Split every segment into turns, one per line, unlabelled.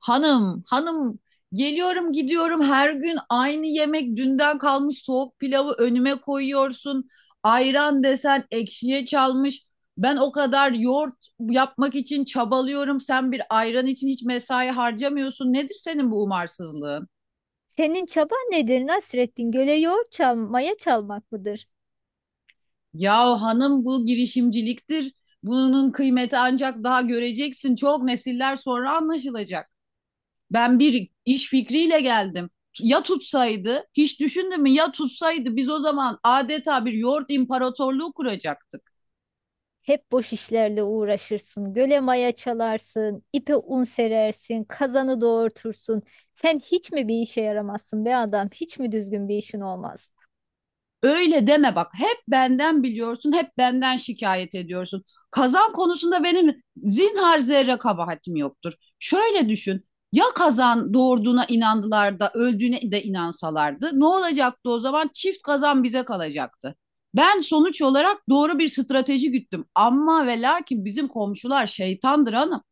Hanım, hanım geliyorum gidiyorum her gün aynı yemek dünden kalmış soğuk pilavı önüme koyuyorsun. Ayran desen ekşiye çalmış. Ben o kadar yoğurt yapmak için çabalıyorum. Sen bir ayran için hiç mesai harcamıyorsun. Nedir senin bu umarsızlığın?
Senin çaban nedir Nasrettin? Göle yoğurt çal, maya çalmak mıdır?
Ya hanım bu girişimciliktir. Bunun kıymeti ancak daha göreceksin. Çok nesiller sonra anlaşılacak. Ben bir iş fikriyle geldim. Ya tutsaydı, hiç düşündün mü? Ya tutsaydı biz o zaman adeta bir yoğurt imparatorluğu kuracaktık.
Hep boş işlerle uğraşırsın. Göle maya çalarsın, ipe un serersin, kazanı doğurtursun. Sen hiç mi bir işe yaramazsın be adam? Hiç mi düzgün bir işin olmaz?
Öyle deme bak. Hep benden biliyorsun, hep benden şikayet ediyorsun. Kazan konusunda benim zinhar zerre kabahatim yoktur. Şöyle düşün. Ya kazan doğurduğuna inandılar da öldüğüne de inansalardı ne olacaktı o zaman? Çift kazan bize kalacaktı. Ben sonuç olarak doğru bir strateji güttüm. Ama ve lakin bizim komşular şeytandır hanım.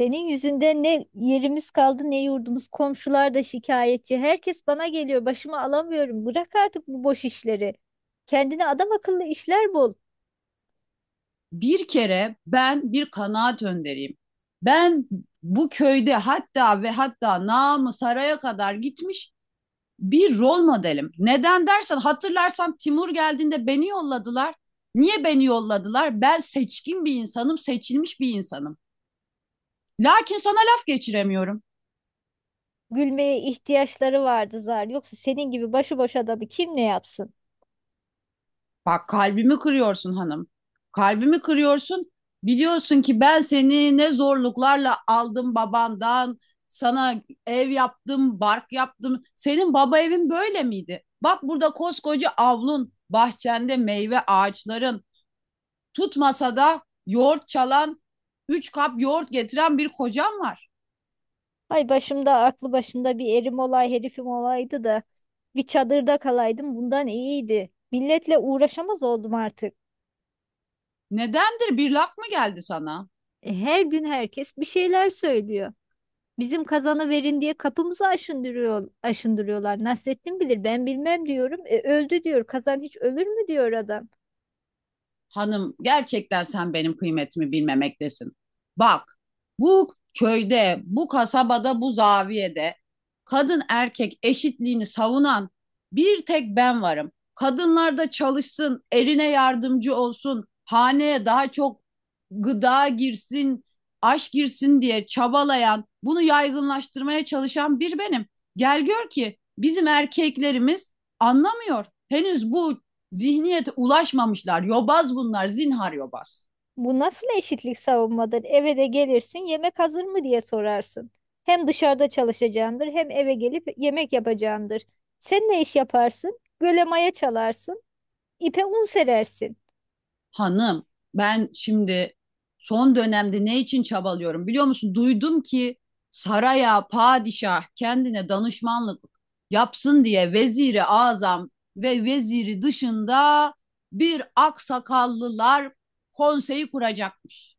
Senin yüzünden ne yerimiz kaldı ne yurdumuz. Komşular da şikayetçi. Herkes bana geliyor. Başıma alamıyorum. Bırak artık bu boş işleri. Kendine adam akıllı işler bul.
Bir kere ben bir kanaat önderiyim. Ben bu köyde hatta ve hatta namı saraya kadar gitmiş bir rol modelim. Neden dersen hatırlarsan Timur geldiğinde beni yolladılar. Niye beni yolladılar? Ben seçkin bir insanım, seçilmiş bir insanım. Lakin sana laf geçiremiyorum.
Gülmeye ihtiyaçları vardı zar. Yoksa senin gibi başıboş adamı kim ne yapsın?
Bak kalbimi kırıyorsun hanım. Kalbimi kırıyorsun. Biliyorsun ki ben seni ne zorluklarla aldım babandan. Sana ev yaptım, bark yaptım. Senin baba evin böyle miydi? Bak burada koskoca avlun, bahçende meyve ağaçların, tutmasa da yoğurt çalan, üç kap yoğurt getiren bir kocan var.
Ay başımda aklı başında bir erim olay herifim olaydı da bir çadırda kalaydım bundan iyiydi. Milletle uğraşamaz oldum artık.
Nedendir? Bir laf mı geldi sana?
Her gün herkes bir şeyler söylüyor. Bizim kazanı verin diye kapımızı aşındırıyor, aşındırıyorlar. Nasrettin bilir ben bilmem diyorum. Öldü diyor. Kazan hiç ölür mü diyor adam.
Hanım gerçekten sen benim kıymetimi bilmemektesin. Bak bu köyde, bu kasabada, bu zaviyede kadın erkek eşitliğini savunan bir tek ben varım. Kadınlar da çalışsın, erine yardımcı olsun, haneye daha çok gıda girsin, aşk girsin diye çabalayan, bunu yaygınlaştırmaya çalışan bir benim. Gel gör ki bizim erkeklerimiz anlamıyor. Henüz bu zihniyete ulaşmamışlar. Yobaz bunlar, zinhar yobaz.
Bu nasıl eşitlik savunmadır? Eve de gelirsin yemek hazır mı diye sorarsın. Hem dışarıda çalışacağındır hem eve gelip yemek yapacağındır. Sen ne iş yaparsın? Göle maya çalarsın. İpe un serersin.
Hanım, ben şimdi son dönemde ne için çabalıyorum biliyor musun? Duydum ki saraya padişah kendine danışmanlık yapsın diye veziri azam ve veziri dışında bir aksakallılar konseyi kuracakmış.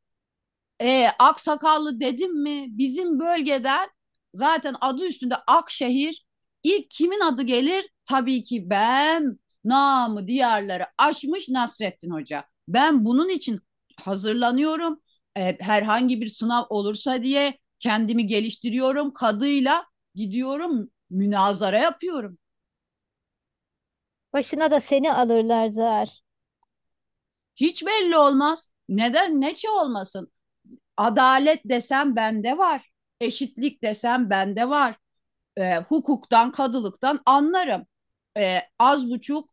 Aksakallı dedim mi? Bizim bölgeden zaten adı üstünde Akşehir. İlk kimin adı gelir? Tabii ki ben. Namı diyarları aşmış Nasrettin Hoca. Ben bunun için hazırlanıyorum. Herhangi bir sınav olursa diye kendimi geliştiriyorum. Kadıyla gidiyorum münazara yapıyorum.
Başına da seni alırlar zar.
Hiç belli olmaz. Neden? Neçe olmasın? Adalet desem bende var. Eşitlik desem bende var hukuktan, kadılıktan anlarım. Az buçuk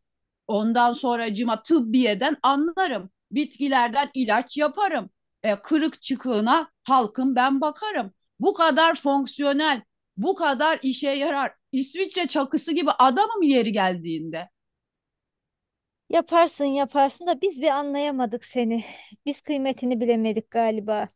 ondan sonra cima tıbbiyeden anlarım. Bitkilerden ilaç yaparım. Kırık çıkığına halkım ben bakarım. Bu kadar fonksiyonel, bu kadar işe yarar. İsviçre çakısı gibi adamım yeri geldiğinde.
Yaparsın yaparsın da biz bir anlayamadık seni. Biz kıymetini bilemedik galiba.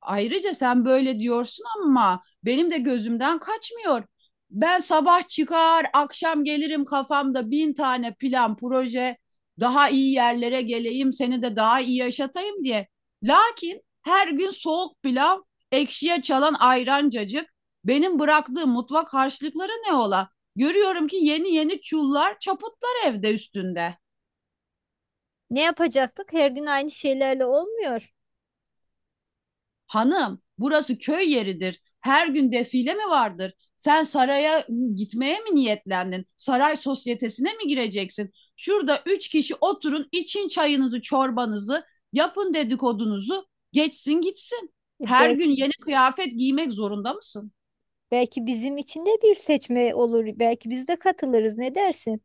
Ayrıca sen böyle diyorsun ama benim de gözümden kaçmıyor. Ben sabah çıkar, akşam gelirim kafamda 1.000 tane plan, proje, daha iyi yerlere geleyim, seni de daha iyi yaşatayım diye. Lakin her gün soğuk pilav, ekşiye çalan ayrancacık, benim bıraktığım mutfak harçlıkları ne ola? Görüyorum ki yeni yeni çullar, çaputlar evde üstünde.
Ne yapacaktık? Her gün aynı şeylerle olmuyor.
Hanım, burası köy yeridir. Her gün defile mi vardır? Sen saraya gitmeye mi niyetlendin? Saray sosyetesine mi gireceksin? Şurada üç kişi oturun, için çayınızı, çorbanızı, yapın dedikodunuzu, geçsin gitsin.
E,
Her
bel-
gün yeni kıyafet giymek zorunda mısın?
Belki bizim için de bir seçme olur. Belki biz de katılırız. Ne dersin?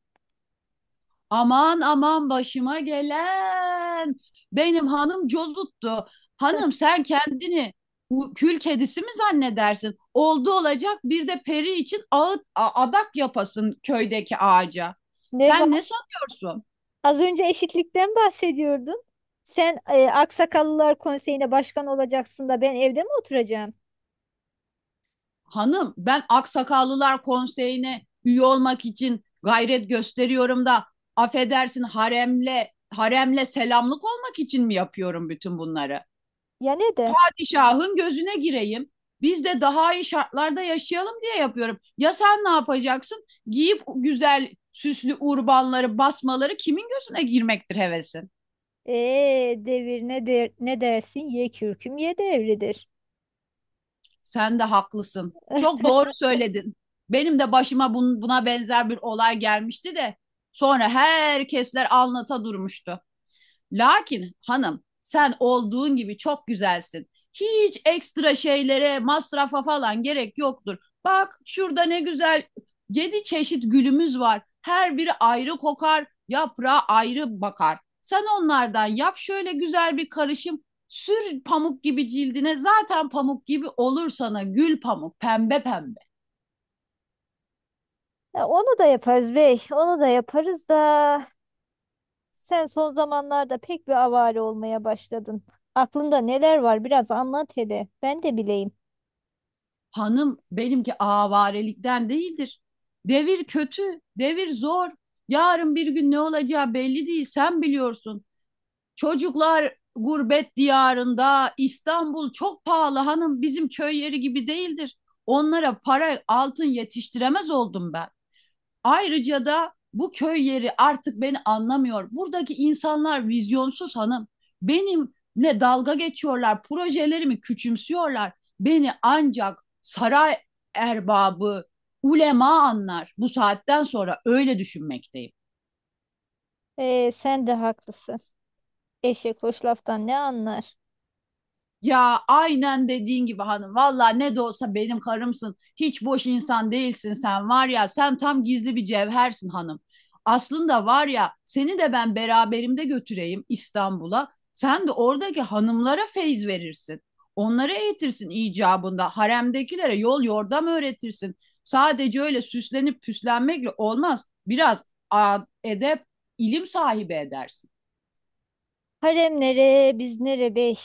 Aman aman başıma gelen. Benim hanım cozuttu. Hanım sen kendini bu kül kedisi mi zannedersin? Oldu olacak bir de peri için ağıt, adak yapasın köydeki ağaca.
Ne var?
Sen ne sanıyorsun?
Az önce eşitlikten bahsediyordun. Sen Aksakallılar Konseyi'ne başkan olacaksın da ben evde mi oturacağım?
Hanım ben Aksakallılar Konseyi'ne üye olmak için gayret gösteriyorum da affedersin haremle selamlık olmak için mi yapıyorum bütün bunları?
Ya neden?
Şahın gözüne gireyim. Biz de daha iyi şartlarda yaşayalım diye yapıyorum. Ya sen ne yapacaksın? Giyip güzel süslü urbanları, basmaları kimin gözüne girmektir hevesin?
Devir ne der, ne dersin? Ye kürküm ye devridir.
Sen de haklısın. Çok doğru söyledin. Benim de başıma buna benzer bir olay gelmişti de sonra herkesler anlata durmuştu. Lakin hanım sen olduğun gibi çok güzelsin. Hiç ekstra şeylere, masrafa falan gerek yoktur. Bak şurada ne güzel yedi çeşit gülümüz var. Her biri ayrı kokar, yaprağı ayrı bakar. Sen onlardan yap şöyle güzel bir karışım. Sür pamuk gibi cildine zaten pamuk gibi olur sana gül pamuk pembe pembe.
Ya onu da yaparız bey, onu da yaparız da sen son zamanlarda pek bir avare olmaya başladın. Aklında neler var biraz anlat hele, ben de bileyim.
Hanım benimki avarelikten değildir. Devir kötü, devir zor. Yarın bir gün ne olacağı belli değil, sen biliyorsun. Çocuklar gurbet diyarında, İstanbul çok pahalı hanım, bizim köy yeri gibi değildir. Onlara para, altın yetiştiremez oldum ben. Ayrıca da bu köy yeri artık beni anlamıyor. Buradaki insanlar vizyonsuz hanım. Benimle dalga geçiyorlar, projelerimi küçümsüyorlar. Beni ancak saray erbabı, ulema anlar. Bu saatten sonra öyle düşünmekteyim.
Sen de haklısın. Eşek hoş laftan ne anlar?
Ya aynen dediğin gibi hanım. Valla ne de olsa benim karımsın. Hiç boş insan değilsin sen var ya. Sen tam gizli bir cevhersin hanım. Aslında var ya seni de ben beraberimde götüreyim İstanbul'a. Sen de oradaki hanımlara feyz verirsin. Onları eğitirsin icabında. Haremdekilere yol yordam öğretirsin. Sadece öyle süslenip püslenmekle olmaz. Biraz edep, ilim sahibi edersin.
Harem nere, biz nere bey?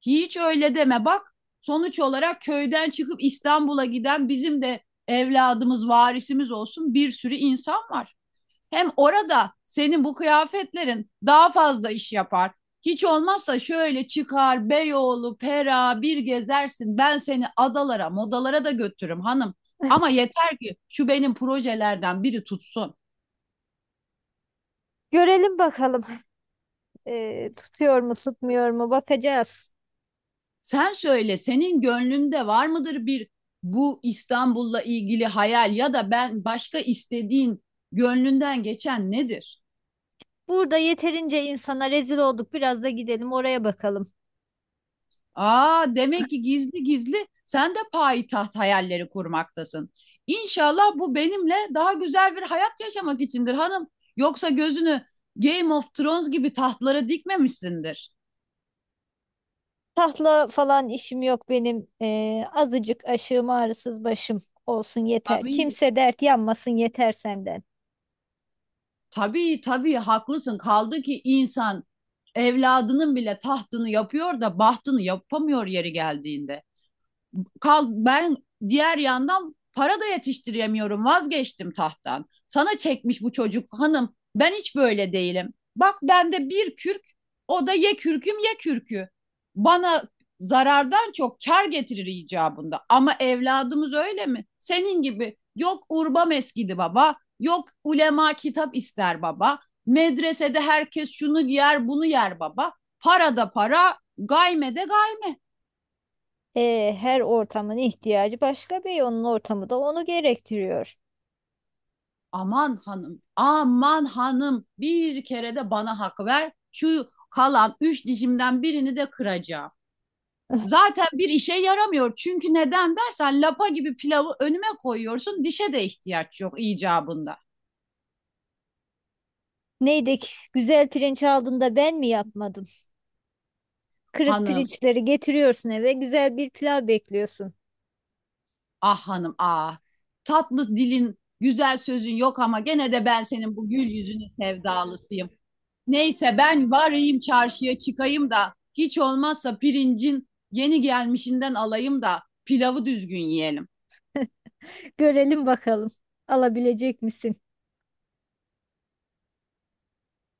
Hiç öyle deme bak sonuç olarak köyden çıkıp İstanbul'a giden bizim de evladımız varisimiz olsun bir sürü insan var. Hem orada senin bu kıyafetlerin daha fazla iş yapar. Hiç olmazsa şöyle çıkar Beyoğlu, Pera bir gezersin. Ben seni adalara, modalara da götürürüm hanım. Ama yeter ki şu benim projelerden biri tutsun.
Görelim bakalım tutuyor mu tutmuyor mu bakacağız.
Sen söyle senin gönlünde var mıdır bir bu İstanbul'la ilgili hayal ya da ben başka istediğin gönlünden geçen nedir?
Burada yeterince insana rezil olduk biraz da gidelim oraya bakalım.
Aa demek ki gizli gizli sen de payitaht hayalleri kurmaktasın. İnşallah bu benimle daha güzel bir hayat yaşamak içindir hanım. Yoksa gözünü Game of Thrones gibi tahtlara dikmemişsindir.
Tahla falan işim yok benim. Azıcık aşığım ağrısız başım olsun yeter.
Amin.
Kimse dert yanmasın yeter senden.
Tabii tabii haklısın. Kaldı ki insan evladının bile tahtını yapıyor da bahtını yapamıyor yeri geldiğinde kal ben diğer yandan para da yetiştiremiyorum vazgeçtim tahttan. Sana çekmiş bu çocuk hanım ben hiç böyle değilim. Bak bende bir kürk o da ye kürküm ye kürkü. Bana zarardan çok kar getirir icabında. Ama evladımız öyle mi? Senin gibi yok urba meskidi baba, yok ulema kitap ister baba. Medresede herkes şunu yer, bunu yer baba. Para da para, gayme de gayme.
Her ortamın ihtiyacı başka bir onun ortamı da onu gerektiriyor.
Aman hanım, aman hanım bir kere de bana hak ver. Şu kalan üç dişimden birini de kıracağım. Zaten bir işe yaramıyor. Çünkü neden dersen lapa gibi pilavı önüme koyuyorsun. Dişe de ihtiyaç yok icabında.
Neydi ki, güzel pirinç aldın da ben mi yapmadım? Kırık
Hanım,
pirinçleri getiriyorsun eve güzel bir pilav bekliyorsun.
ah hanım, ah. Tatlı dilin, güzel sözün yok ama gene de ben senin bu gül yüzünün sevdalısıyım. Neyse ben varayım çarşıya çıkayım da hiç olmazsa pirincin yeni gelmişinden alayım da pilavı düzgün yiyelim.
Görelim bakalım alabilecek misin?